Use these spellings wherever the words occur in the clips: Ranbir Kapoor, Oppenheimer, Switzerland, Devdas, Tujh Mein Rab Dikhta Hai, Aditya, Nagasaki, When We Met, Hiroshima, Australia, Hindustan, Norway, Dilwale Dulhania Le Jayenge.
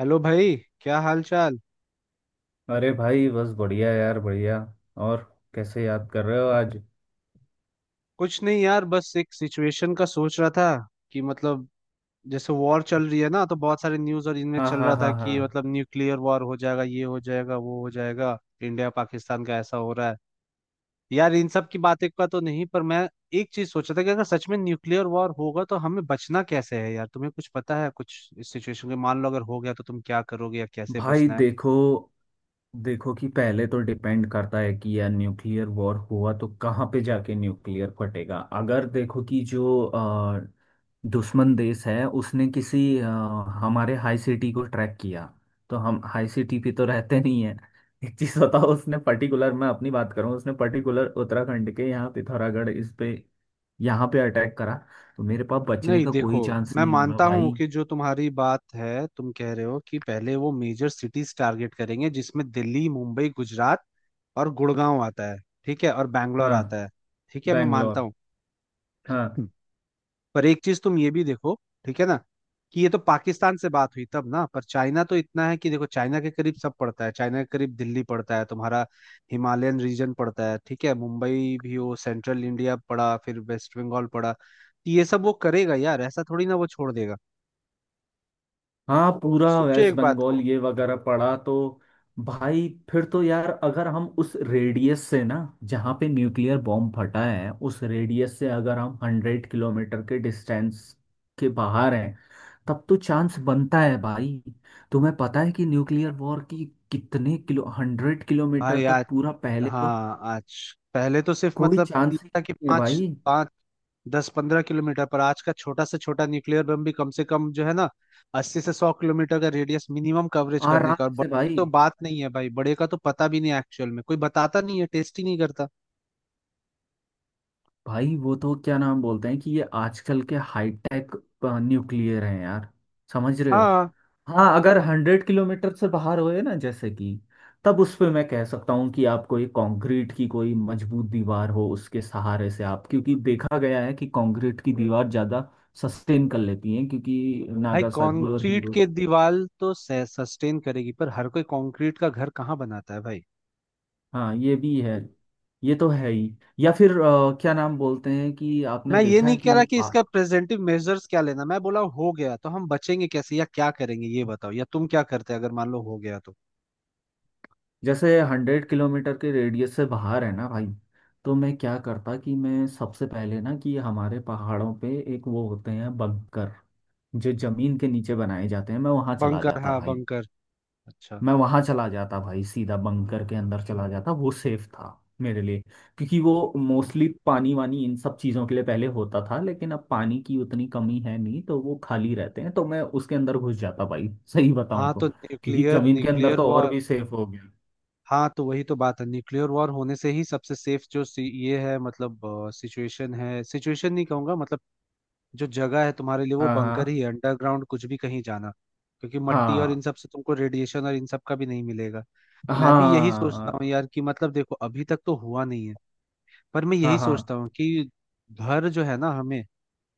Hello भाई। क्या हाल चाल। अरे भाई, बस बढ़िया यार, बढ़िया। और कैसे याद कर रहे हो आज? कुछ नहीं यार, बस एक सिचुएशन का सोच रहा था कि मतलब जैसे वॉर चल रही है ना, तो बहुत सारे न्यूज़ और इनमें हाँ चल हाँ रहा था हाँ हाँ। कि मतलब न्यूक्लियर वॉर हो जाएगा, ये हो जाएगा, वो हो जाएगा। इंडिया पाकिस्तान का ऐसा हो रहा है। यार इन सब की बातें का तो नहीं, पर मैं एक चीज सोच रहा था कि अगर सच में न्यूक्लियर वॉर होगा तो हमें बचना कैसे है। यार तुम्हें कुछ पता है कुछ इस सिचुएशन के? मान लो अगर हो गया तो तुम क्या करोगे या कैसे भाई बचना है? देखो, देखो कि पहले तो डिपेंड करता है कि यार न्यूक्लियर वॉर हुआ तो कहाँ पे जाके न्यूक्लियर फटेगा। अगर देखो कि जो दुश्मन देश है उसने किसी हमारे हाई सिटी को ट्रैक किया, तो हम हाई सिटी पे तो रहते नहीं है। एक चीज बताओ, उसने पर्टिकुलर, मैं अपनी बात करूँ, उसने पर्टिकुलर उत्तराखंड के यहाँ पिथौरागढ़ इस पे, यहाँ पे अटैक करा, तो मेरे पास बचने नहीं, का देखो, कोई चांस मैं नहीं होगा मानता हूं भाई। कि जो तुम्हारी बात है, तुम कह रहे हो कि पहले वो मेजर सिटीज टारगेट करेंगे जिसमें दिल्ली, मुंबई, गुजरात और गुड़गांव आता है। ठीक है। और बैंगलोर हाँ। आता है। ठीक है, मैं बैंगलोर। मानता हूँ। हाँ। हम्म। पर एक चीज तुम ये भी देखो, ठीक है ना, कि ये तो पाकिस्तान से बात हुई तब ना। पर चाइना तो इतना है कि देखो, चाइना के करीब सब पड़ता है, चाइना के करीब दिल्ली पड़ता है, तुम्हारा हिमालयन रीजन पड़ता है, ठीक है। मुंबई भी वो सेंट्रल इंडिया पड़ा, फिर वेस्ट बंगाल पड़ा। तो ये सब वो करेगा यार, ऐसा थोड़ी ना वो छोड़ देगा। हाँ, पूरा सोचो वेस्ट एक बात बंगाल को। ये वगैरह पड़ा तो। भाई फिर तो यार, अगर हम उस रेडियस से ना, जहाँ पे न्यूक्लियर बॉम्ब फटा है, उस रेडियस से अगर हम 100 किलोमीटर के डिस्टेंस के बाहर हैं, तब तो चांस बनता है भाई। तुम्हें पता है कि न्यूक्लियर वॉर की कितने किलो, 100 किलोमीटर भाई आज, तक पूरा, पहले तो हाँ आज, पहले तो सिर्फ कोई मतलब 3 चांस ही था कि नहीं है 5, भाई। 5 10 15 किलोमीटर। पर आज का छोटा से छोटा न्यूक्लियर बम भी कम से कम जो है ना 80 से 100 किलोमीटर का रेडियस मिनिमम कवरेज करने आराम का। और से बड़े की भाई। तो बात नहीं है भाई, बड़े का तो पता भी नहीं, एक्चुअल में कोई बताता नहीं है, टेस्ट ही नहीं करता। भाई वो तो क्या नाम बोलते हैं कि ये आजकल के हाईटेक न्यूक्लियर हैं यार, समझ रहे हो। हाँ। हाँ, अगर 100 किलोमीटर से बाहर होए ना, जैसे कि, तब उस पे मैं कह सकता हूँ कि आप कोई कंक्रीट की कोई मजबूत दीवार हो उसके सहारे से आप, क्योंकि देखा गया है कि कंक्रीट की दीवार ज़्यादा सस्टेन कर लेती है, क्योंकि भाई नागासाकी और कंक्रीट हीरो। के दीवार तो सस्टेन करेगी, पर हर कोई कंक्रीट का घर कहाँ बनाता है भाई? हाँ ये भी है, ये तो है ही। या फिर क्या नाम बोलते हैं कि आपने मैं ये देखा नहीं है कह कि रहा कि इसका प्रेजेंटिव मेजर्स क्या लेना। मैं बोला हो गया तो हम बचेंगे कैसे या क्या करेंगे, ये बताओ। या तुम क्या करते अगर मान लो हो गया तो? जैसे 100 किलोमीटर के रेडियस से बाहर है ना भाई, तो मैं क्या करता कि मैं सबसे पहले ना कि हमारे पहाड़ों पे एक वो होते हैं बंकर, जो जमीन के नीचे बनाए जाते हैं, मैं वहां चला बंकर, जाता हाँ भाई। बंकर। अच्छा। मैं वहां चला जाता भाई सीधा बंकर के अंदर, चला जाता। वो सेफ था मेरे लिए, क्योंकि वो मोस्टली पानी वानी इन सब चीजों के लिए पहले होता था, लेकिन अब पानी की उतनी कमी है नहीं तो वो खाली रहते हैं, तो मैं उसके अंदर घुस जाता भाई, सही बताऊं हाँ तो। तो क्योंकि न्यूक्लियर, जमीन के अंदर न्यूक्लियर तो और वॉर। भी सेफ हो गया। हाँ, तो वही तो बात है, न्यूक्लियर वॉर होने से ही सबसे सेफ जो ये है, मतलब सिचुएशन है, सिचुएशन नहीं कहूंगा, मतलब जो जगह है तुम्हारे लिए वो हाँ बंकर हाँ। ही है, अंडरग्राउंड कुछ भी कहीं जाना, क्योंकि मट्टी और हाँ इन सब से तुमको रेडिएशन और इन सब का भी नहीं मिलेगा। मैं भी यही हाँ। सोचता हूँ यार कि मतलब देखो, अभी तक तो हुआ नहीं है, पर मैं हाँ यही हाँ। सोचता हूँ कि घर जो है ना हमें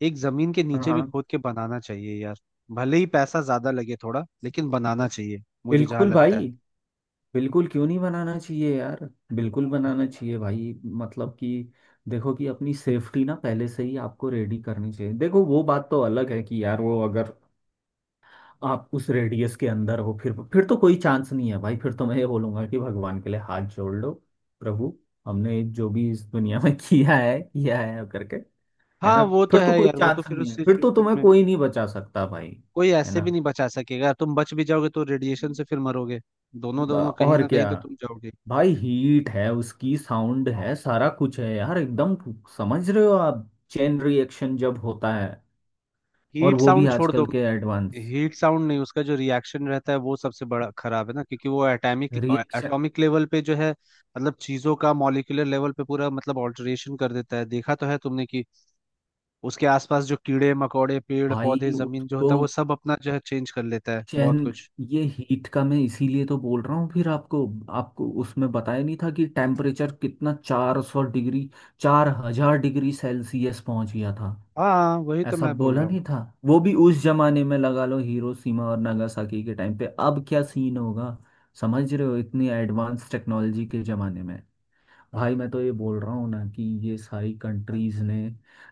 एक जमीन के हाँ नीचे भी हाँ। खोद के बनाना चाहिए यार। भले ही पैसा ज्यादा लगे थोड़ा, लेकिन बनाना चाहिए, मुझे जहां बिल्कुल लगता है। भाई, बिल्कुल क्यों नहीं बनाना चाहिए यार, बिल्कुल बनाना चाहिए भाई। मतलब कि देखो कि अपनी सेफ्टी ना पहले से ही आपको रेडी करनी चाहिए। देखो वो बात तो अलग है कि यार वो अगर आप उस रेडियस के अंदर हो, फिर तो कोई चांस नहीं है भाई, फिर तो मैं ये बोलूंगा कि भगवान के लिए हाथ जोड़ लो प्रभु, हमने जो भी इस दुनिया में किया है करके। है हाँ ना, वो तो फिर तो है कोई यार, वो तो चांस फिर नहीं उस है, फिर तो सिचुएशन तुम्हें में कोई नहीं बचा सकता भाई। कोई है ऐसे भी ना, नहीं बचा सकेगा। तुम बच भी जाओगे तो रेडिएशन से फिर मरोगे। दोनों दोनों कहीं और ना क्या। कहीं तो तुम जाओगे। भाई हीट है, उसकी साउंड है, सारा कुछ है यार एकदम। समझ रहे हो, आप चेन रिएक्शन जब होता है, और हीट वो भी साउंड छोड़ दो। आजकल के एडवांस हीट साउंड नहीं, उसका जो रिएक्शन रहता है वो सबसे बड़ा खराब है ना, क्योंकि वो एटॉमिक रिएक्शन। एटॉमिक लेवल पे जो है, मतलब चीजों का मॉलिक्यूलर लेवल पे पूरा मतलब ऑल्टरेशन कर देता है। देखा तो है तुमने कि उसके आसपास जो कीड़े मकोड़े पेड़ पौधे भाई जमीन जो उसको होता है, वो सब अपना जो है चेंज कर लेता है बहुत चेन, कुछ। ये हीट का मैं इसीलिए तो बोल रहा हूँ। फिर आपको, आपको उसमें बताया नहीं था कि टेम्परेचर कितना 400 डिग्री, 4000 डिग्री सेल्सियस पहुंच गया था, हाँ हाँ, वही तो ऐसा मैं बोल बोला रहा हूँ। नहीं था। वो भी उस जमाने में लगा लो हिरोशिमा और नागासाकी के टाइम पे, अब क्या सीन होगा, समझ रहे हो, इतनी एडवांस टेक्नोलॉजी के जमाने में। भाई मैं तो ये बोल रहा हूँ ना कि ये सारी कंट्रीज ने,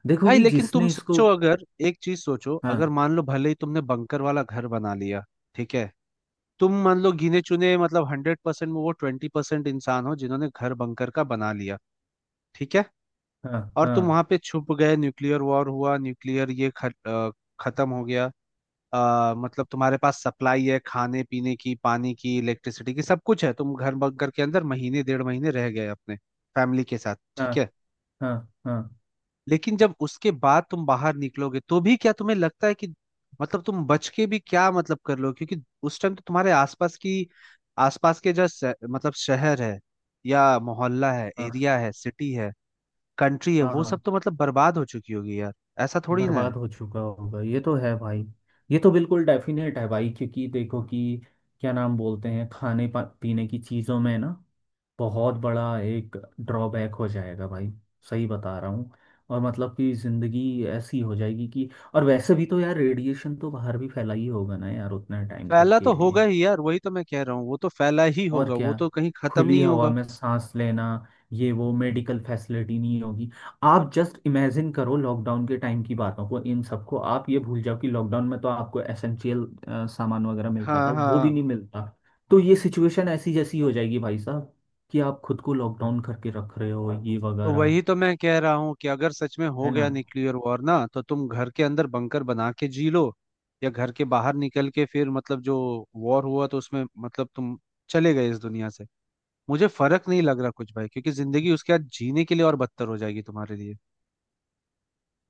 देखो भाई कि लेकिन तुम जिसने इसको। सोचो, अगर एक चीज सोचो, अगर हाँ मान लो भले ही तुमने बंकर वाला घर बना लिया, ठीक है, तुम मान लो गिने चुने मतलब 100% में वो 20% इंसान हो जिन्होंने घर बंकर का बना लिया, ठीक है, हाँ। और तुम हाँ वहां पे छुप गए, न्यूक्लियर वॉर हुआ, न्यूक्लियर ये खत्म हो गया। मतलब तुम्हारे पास सप्लाई है खाने पीने की, पानी की, इलेक्ट्रिसिटी की, सब कुछ है, तुम घर बंकर के अंदर महीने डेढ़ महीने रह गए अपने फैमिली के साथ, हाँ। ठीक है। हाँ हाँ। लेकिन जब उसके बाद तुम बाहर निकलोगे तो भी क्या तुम्हें लगता है कि मतलब तुम बच के भी क्या मतलब कर लो? क्योंकि उस टाइम तो तुम्हारे आसपास की, आसपास के जो मतलब शहर है या मोहल्ला है, हाँ एरिया है, सिटी है, कंट्री है, हाँ, वो सब हाँ, तो मतलब बर्बाद हो चुकी होगी यार। ऐसा थोड़ी ना है। बर्बाद हो चुका होगा ये तो है भाई। ये तो बिल्कुल डेफिनेट है भाई, क्योंकि देखो कि क्या नाम बोलते हैं, खाने पीने की चीज़ों में ना बहुत बड़ा एक ड्रॉबैक हो जाएगा भाई, सही बता रहा हूँ। और मतलब कि ज़िंदगी ऐसी हो जाएगी कि, और वैसे भी तो यार रेडिएशन तो बाहर भी फैला ही होगा ना यार, उतना टाइम तक फैला के तो लिए। होगा ही यार, वही तो मैं कह रहा हूँ, वो तो फैला ही और होगा, क्या, वो तो कहीं खत्म खुली नहीं हवा होगा। में सांस लेना, ये वो मेडिकल फैसिलिटी नहीं होगी। आप जस्ट इमेजिन करो लॉकडाउन के टाइम की बातों को इन सबको, आप ये भूल जाओ कि लॉकडाउन में तो आपको एसेंशियल सामान वगैरह मिलता था, हाँ। वो भी हाँ नहीं मिलता। तो ये सिचुएशन ऐसी जैसी हो जाएगी भाई साहब कि आप खुद को लॉकडाउन करके रख रहे हो ये तो वगैरह। वही तो मैं कह रहा हूँ कि अगर सच में हो है ना, गया न्यूक्लियर वॉर ना, तो तुम घर के अंदर बंकर बना के जी लो, या घर के बाहर निकल के फिर मतलब जो वॉर हुआ तो उसमें मतलब तुम चले गए इस दुनिया से, मुझे फर्क नहीं लग रहा कुछ भाई, क्योंकि जिंदगी उसके बाद जीने के लिए और बदतर हो जाएगी तुम्हारे लिए।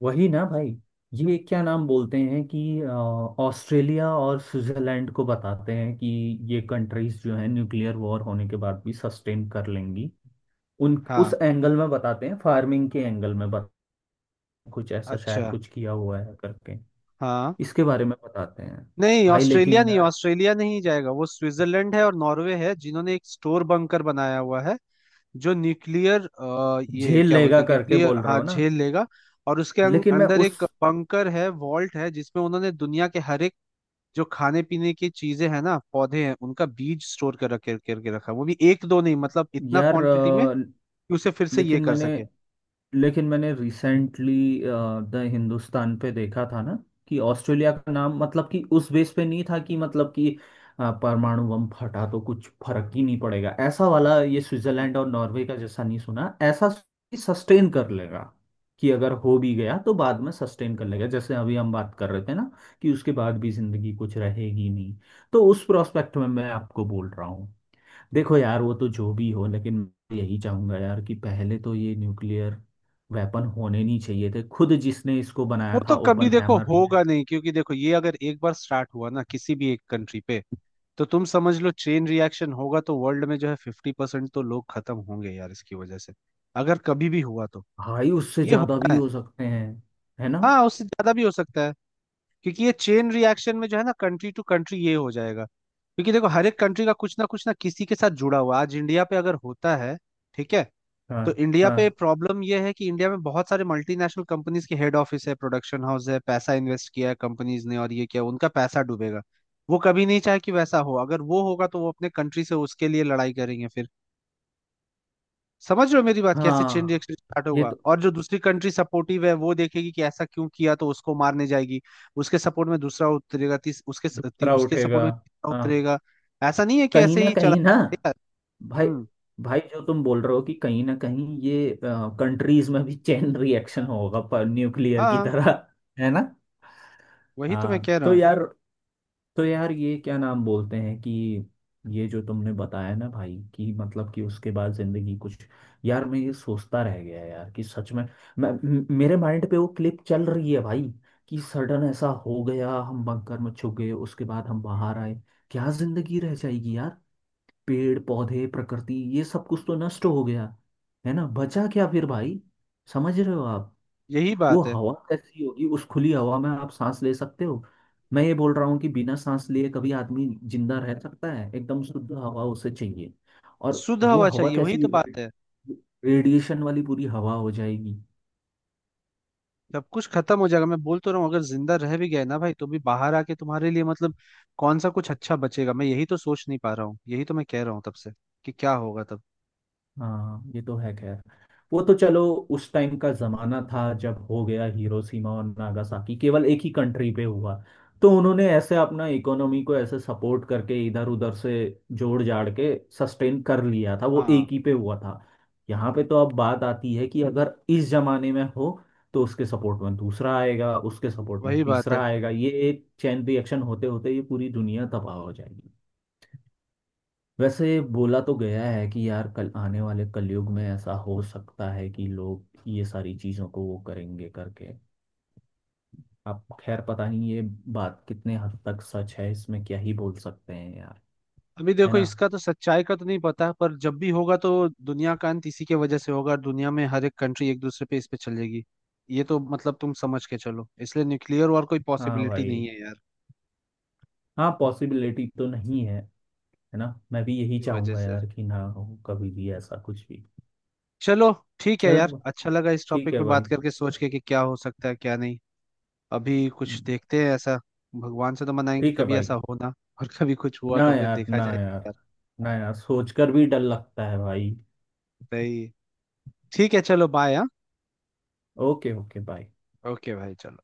वही ना भाई। ये क्या नाम बोलते हैं कि ऑस्ट्रेलिया और स्विट्जरलैंड को बताते हैं कि ये कंट्रीज जो है न्यूक्लियर वॉर होने के बाद भी सस्टेन कर लेंगी। उन, हाँ। उस एंगल में बताते हैं, फार्मिंग के एंगल में बताते हैं, कुछ ऐसा अच्छा। शायद कुछ किया हुआ है करके, हाँ। इसके बारे में बताते हैं। नहीं, भाई लेकिन ऑस्ट्रेलिया नहीं, यार, ऑस्ट्रेलिया नहीं जाएगा, वो स्विट्जरलैंड है और नॉर्वे है जिन्होंने एक स्टोर बंकर बनाया हुआ है जो न्यूक्लियर, ये झेल क्या लेगा बोलते हैं, करके न्यूक्लियर, बोल रहे हाँ, हो ना। झेल लेगा। और उसके लेकिन मैं अंदर उस, एक बंकर है, वॉल्ट है, जिसमें उन्होंने दुनिया के हर एक जो खाने पीने की चीजें हैं ना, पौधे हैं, उनका बीज स्टोर कर रखे करके रखा है। वो भी एक दो नहीं, मतलब इतना यार क्वांटिटी में कि उसे फिर से ये लेकिन कर मैंने, सके। लेकिन मैंने रिसेंटली द हिंदुस्तान पे देखा था ना कि ऑस्ट्रेलिया का नाम मतलब कि उस बेस पे नहीं था कि मतलब कि परमाणु बम फटा तो कुछ फर्क ही नहीं पड़ेगा ऐसा वाला। ये स्विट्जरलैंड और नॉर्वे का जैसा नहीं सुना ऐसा सस्टेन कर लेगा, कि अगर हो भी गया तो बाद में सस्टेन कर लेगा, जैसे अभी हम बात कर रहे थे ना कि उसके बाद भी जिंदगी कुछ रहेगी नहीं, तो उस प्रोस्पेक्ट में मैं आपको बोल रहा हूँ। देखो यार वो तो जो भी हो, लेकिन मैं यही चाहूंगा यार कि पहले तो ये न्यूक्लियर वेपन होने नहीं चाहिए थे, खुद जिसने इसको वो बनाया था तो कभी ओपन देखो हैमर। होगा नहीं, क्योंकि देखो ये अगर एक बार स्टार्ट हुआ ना किसी भी एक कंट्री पे, तो तुम समझ लो चेन रिएक्शन होगा, तो वर्ल्ड में जो है 50% तो लोग खत्म होंगे यार इसकी वजह से। अगर कभी भी हुआ तो भाई उससे ये ज्यादा भी होना है। हो सकते हैं, है ना। हाँ, उससे ज्यादा भी हो सकता है, क्योंकि ये चेन रिएक्शन में जो है ना, कंट्री टू कंट्री ये हो जाएगा। क्योंकि देखो हर एक कंट्री का कुछ ना किसी के साथ जुड़ा हुआ। आज इंडिया पे अगर होता है, ठीक है, हाँ तो इंडिया हाँ। पे प्रॉब्लम यह है कि इंडिया में बहुत सारे मल्टीनेशनल कंपनीज के हेड ऑफिस है, प्रोडक्शन हाउस है, पैसा इन्वेस्ट किया है कंपनीज ने, और ये क्या उनका पैसा डूबेगा। वो कभी नहीं चाहे कि वैसा हो। अगर वो होगा तो वो अपने कंट्री से उसके लिए लड़ाई करेंगे फिर। समझ रहे हो मेरी बात, कैसे चेन हाँ। रिएक्शन स्टार्ट ये होगा? तो, और जो दूसरी कंट्री सपोर्टिव है वो देखेगी कि ऐसा क्यों किया, तो उसको मारने जाएगी। उसके सपोर्ट में दूसरा उतरेगा, तीस उसके स- ती, दूसरा उसके उठेगा। सपोर्ट में तीसरा हाँ, उतरेगा। ऐसा नहीं है कि कहीं ऐसे ना ही चला। कहीं ना। भाई, हम्म। भाई जो तुम बोल रहे हो कि कहीं ना कहीं ये कंट्रीज में भी चेन रिएक्शन हाँ। होगा, पर न्यूक्लियर की हाँ, तरह। है ना। वही तो मैं हाँ, कह रहा तो हूँ। यार, तो यार ये क्या नाम बोलते हैं कि ये जो तुमने बताया ना भाई, कि मतलब कि उसके बाद जिंदगी कुछ, यार मैं ये सोचता रह गया यार कि सच में, मैं मेरे माइंड पे वो क्लिप चल रही है भाई, कि सडन ऐसा हो गया, हम बंकर में छुप गए, उसके बाद हम बाहर आए, क्या जिंदगी रह जाएगी यार। पेड़ पौधे प्रकृति ये सब कुछ तो नष्ट हो गया, है ना, बचा क्या फिर भाई, समझ रहे हो आप। यही वो बात है। हवा कैसी होगी, उस खुली हवा में आप सांस ले सकते हो? मैं ये बोल रहा हूँ कि बिना सांस लिए कभी आदमी जिंदा रह सकता है? एकदम शुद्ध हवा उसे चाहिए। और शुद्ध वो हवा हवा चाहिए, वही कैसी, तो बात है। रेडिएशन वाली पूरी हवा हो जाएगी। सब कुछ खत्म हो जाएगा। मैं बोल तो रहा हूँ, अगर जिंदा रह भी गए ना भाई, तो भी बाहर आके तुम्हारे लिए मतलब कौन सा कुछ अच्छा बचेगा? मैं यही तो सोच नहीं पा रहा हूँ, यही तो मैं कह रहा हूँ तब से, कि क्या होगा तब। हाँ ये तो है खैर। वो तो चलो, उस टाइम का जमाना था जब हो गया हिरोशिमा और नागासाकी, केवल एक ही कंट्री पे हुआ, तो उन्होंने ऐसे अपना इकोनॉमी को ऐसे सपोर्ट करके इधर उधर से जोड़ जाड़ के सस्टेन कर लिया था। वो हाँ एक ही पे हुआ था। यहाँ पे तो अब बात आती है कि अगर इस जमाने में हो, तो उसके सपोर्ट में दूसरा आएगा, उसके सपोर्ट में वही बात है। तीसरा आएगा, ये एक चैन रिएक्शन होते होते ये पूरी दुनिया तबाह हो जाएगी। वैसे बोला तो गया है कि यार कल आने वाले कलयुग में ऐसा हो सकता है कि लोग ये सारी चीज़ों को वो करेंगे करके। अब खैर पता नहीं ये बात कितने हद तक सच है, इसमें क्या ही बोल सकते हैं यार। अभी है देखो ना। इसका तो सच्चाई का तो नहीं पता, पर जब भी होगा तो दुनिया का अंत इसी के वजह से होगा, और दुनिया में हर एक कंट्री एक दूसरे पे इस पे चलेगी। ये तो मतलब तुम समझ के चलो, इसलिए न्यूक्लियर वॉर कोई हाँ पॉसिबिलिटी नहीं भाई, है यार, हाँ पॉसिबिलिटी तो नहीं है, है ना। मैं भी यही की वजह चाहूंगा से। यार कि ना हो कभी भी ऐसा कुछ भी। चलो, ठीक है यार, चलो अच्छा लगा इस ठीक टॉपिक है पे भाई, बात करके सोच के कि क्या हो सकता है क्या नहीं। अभी कुछ देखते हैं ऐसा। भगवान से तो मनाएंगे ठीक कि है कभी भाई। ऐसा हो ना। और कभी कुछ हुआ ना तो फिर यार, देखा ना जाएगा यार, यार। ना यार, सोचकर भी डर लगता है भाई। सही है। ठीक है, चलो, बाय हाँ। Okay okay bye. ओके भाई चलो।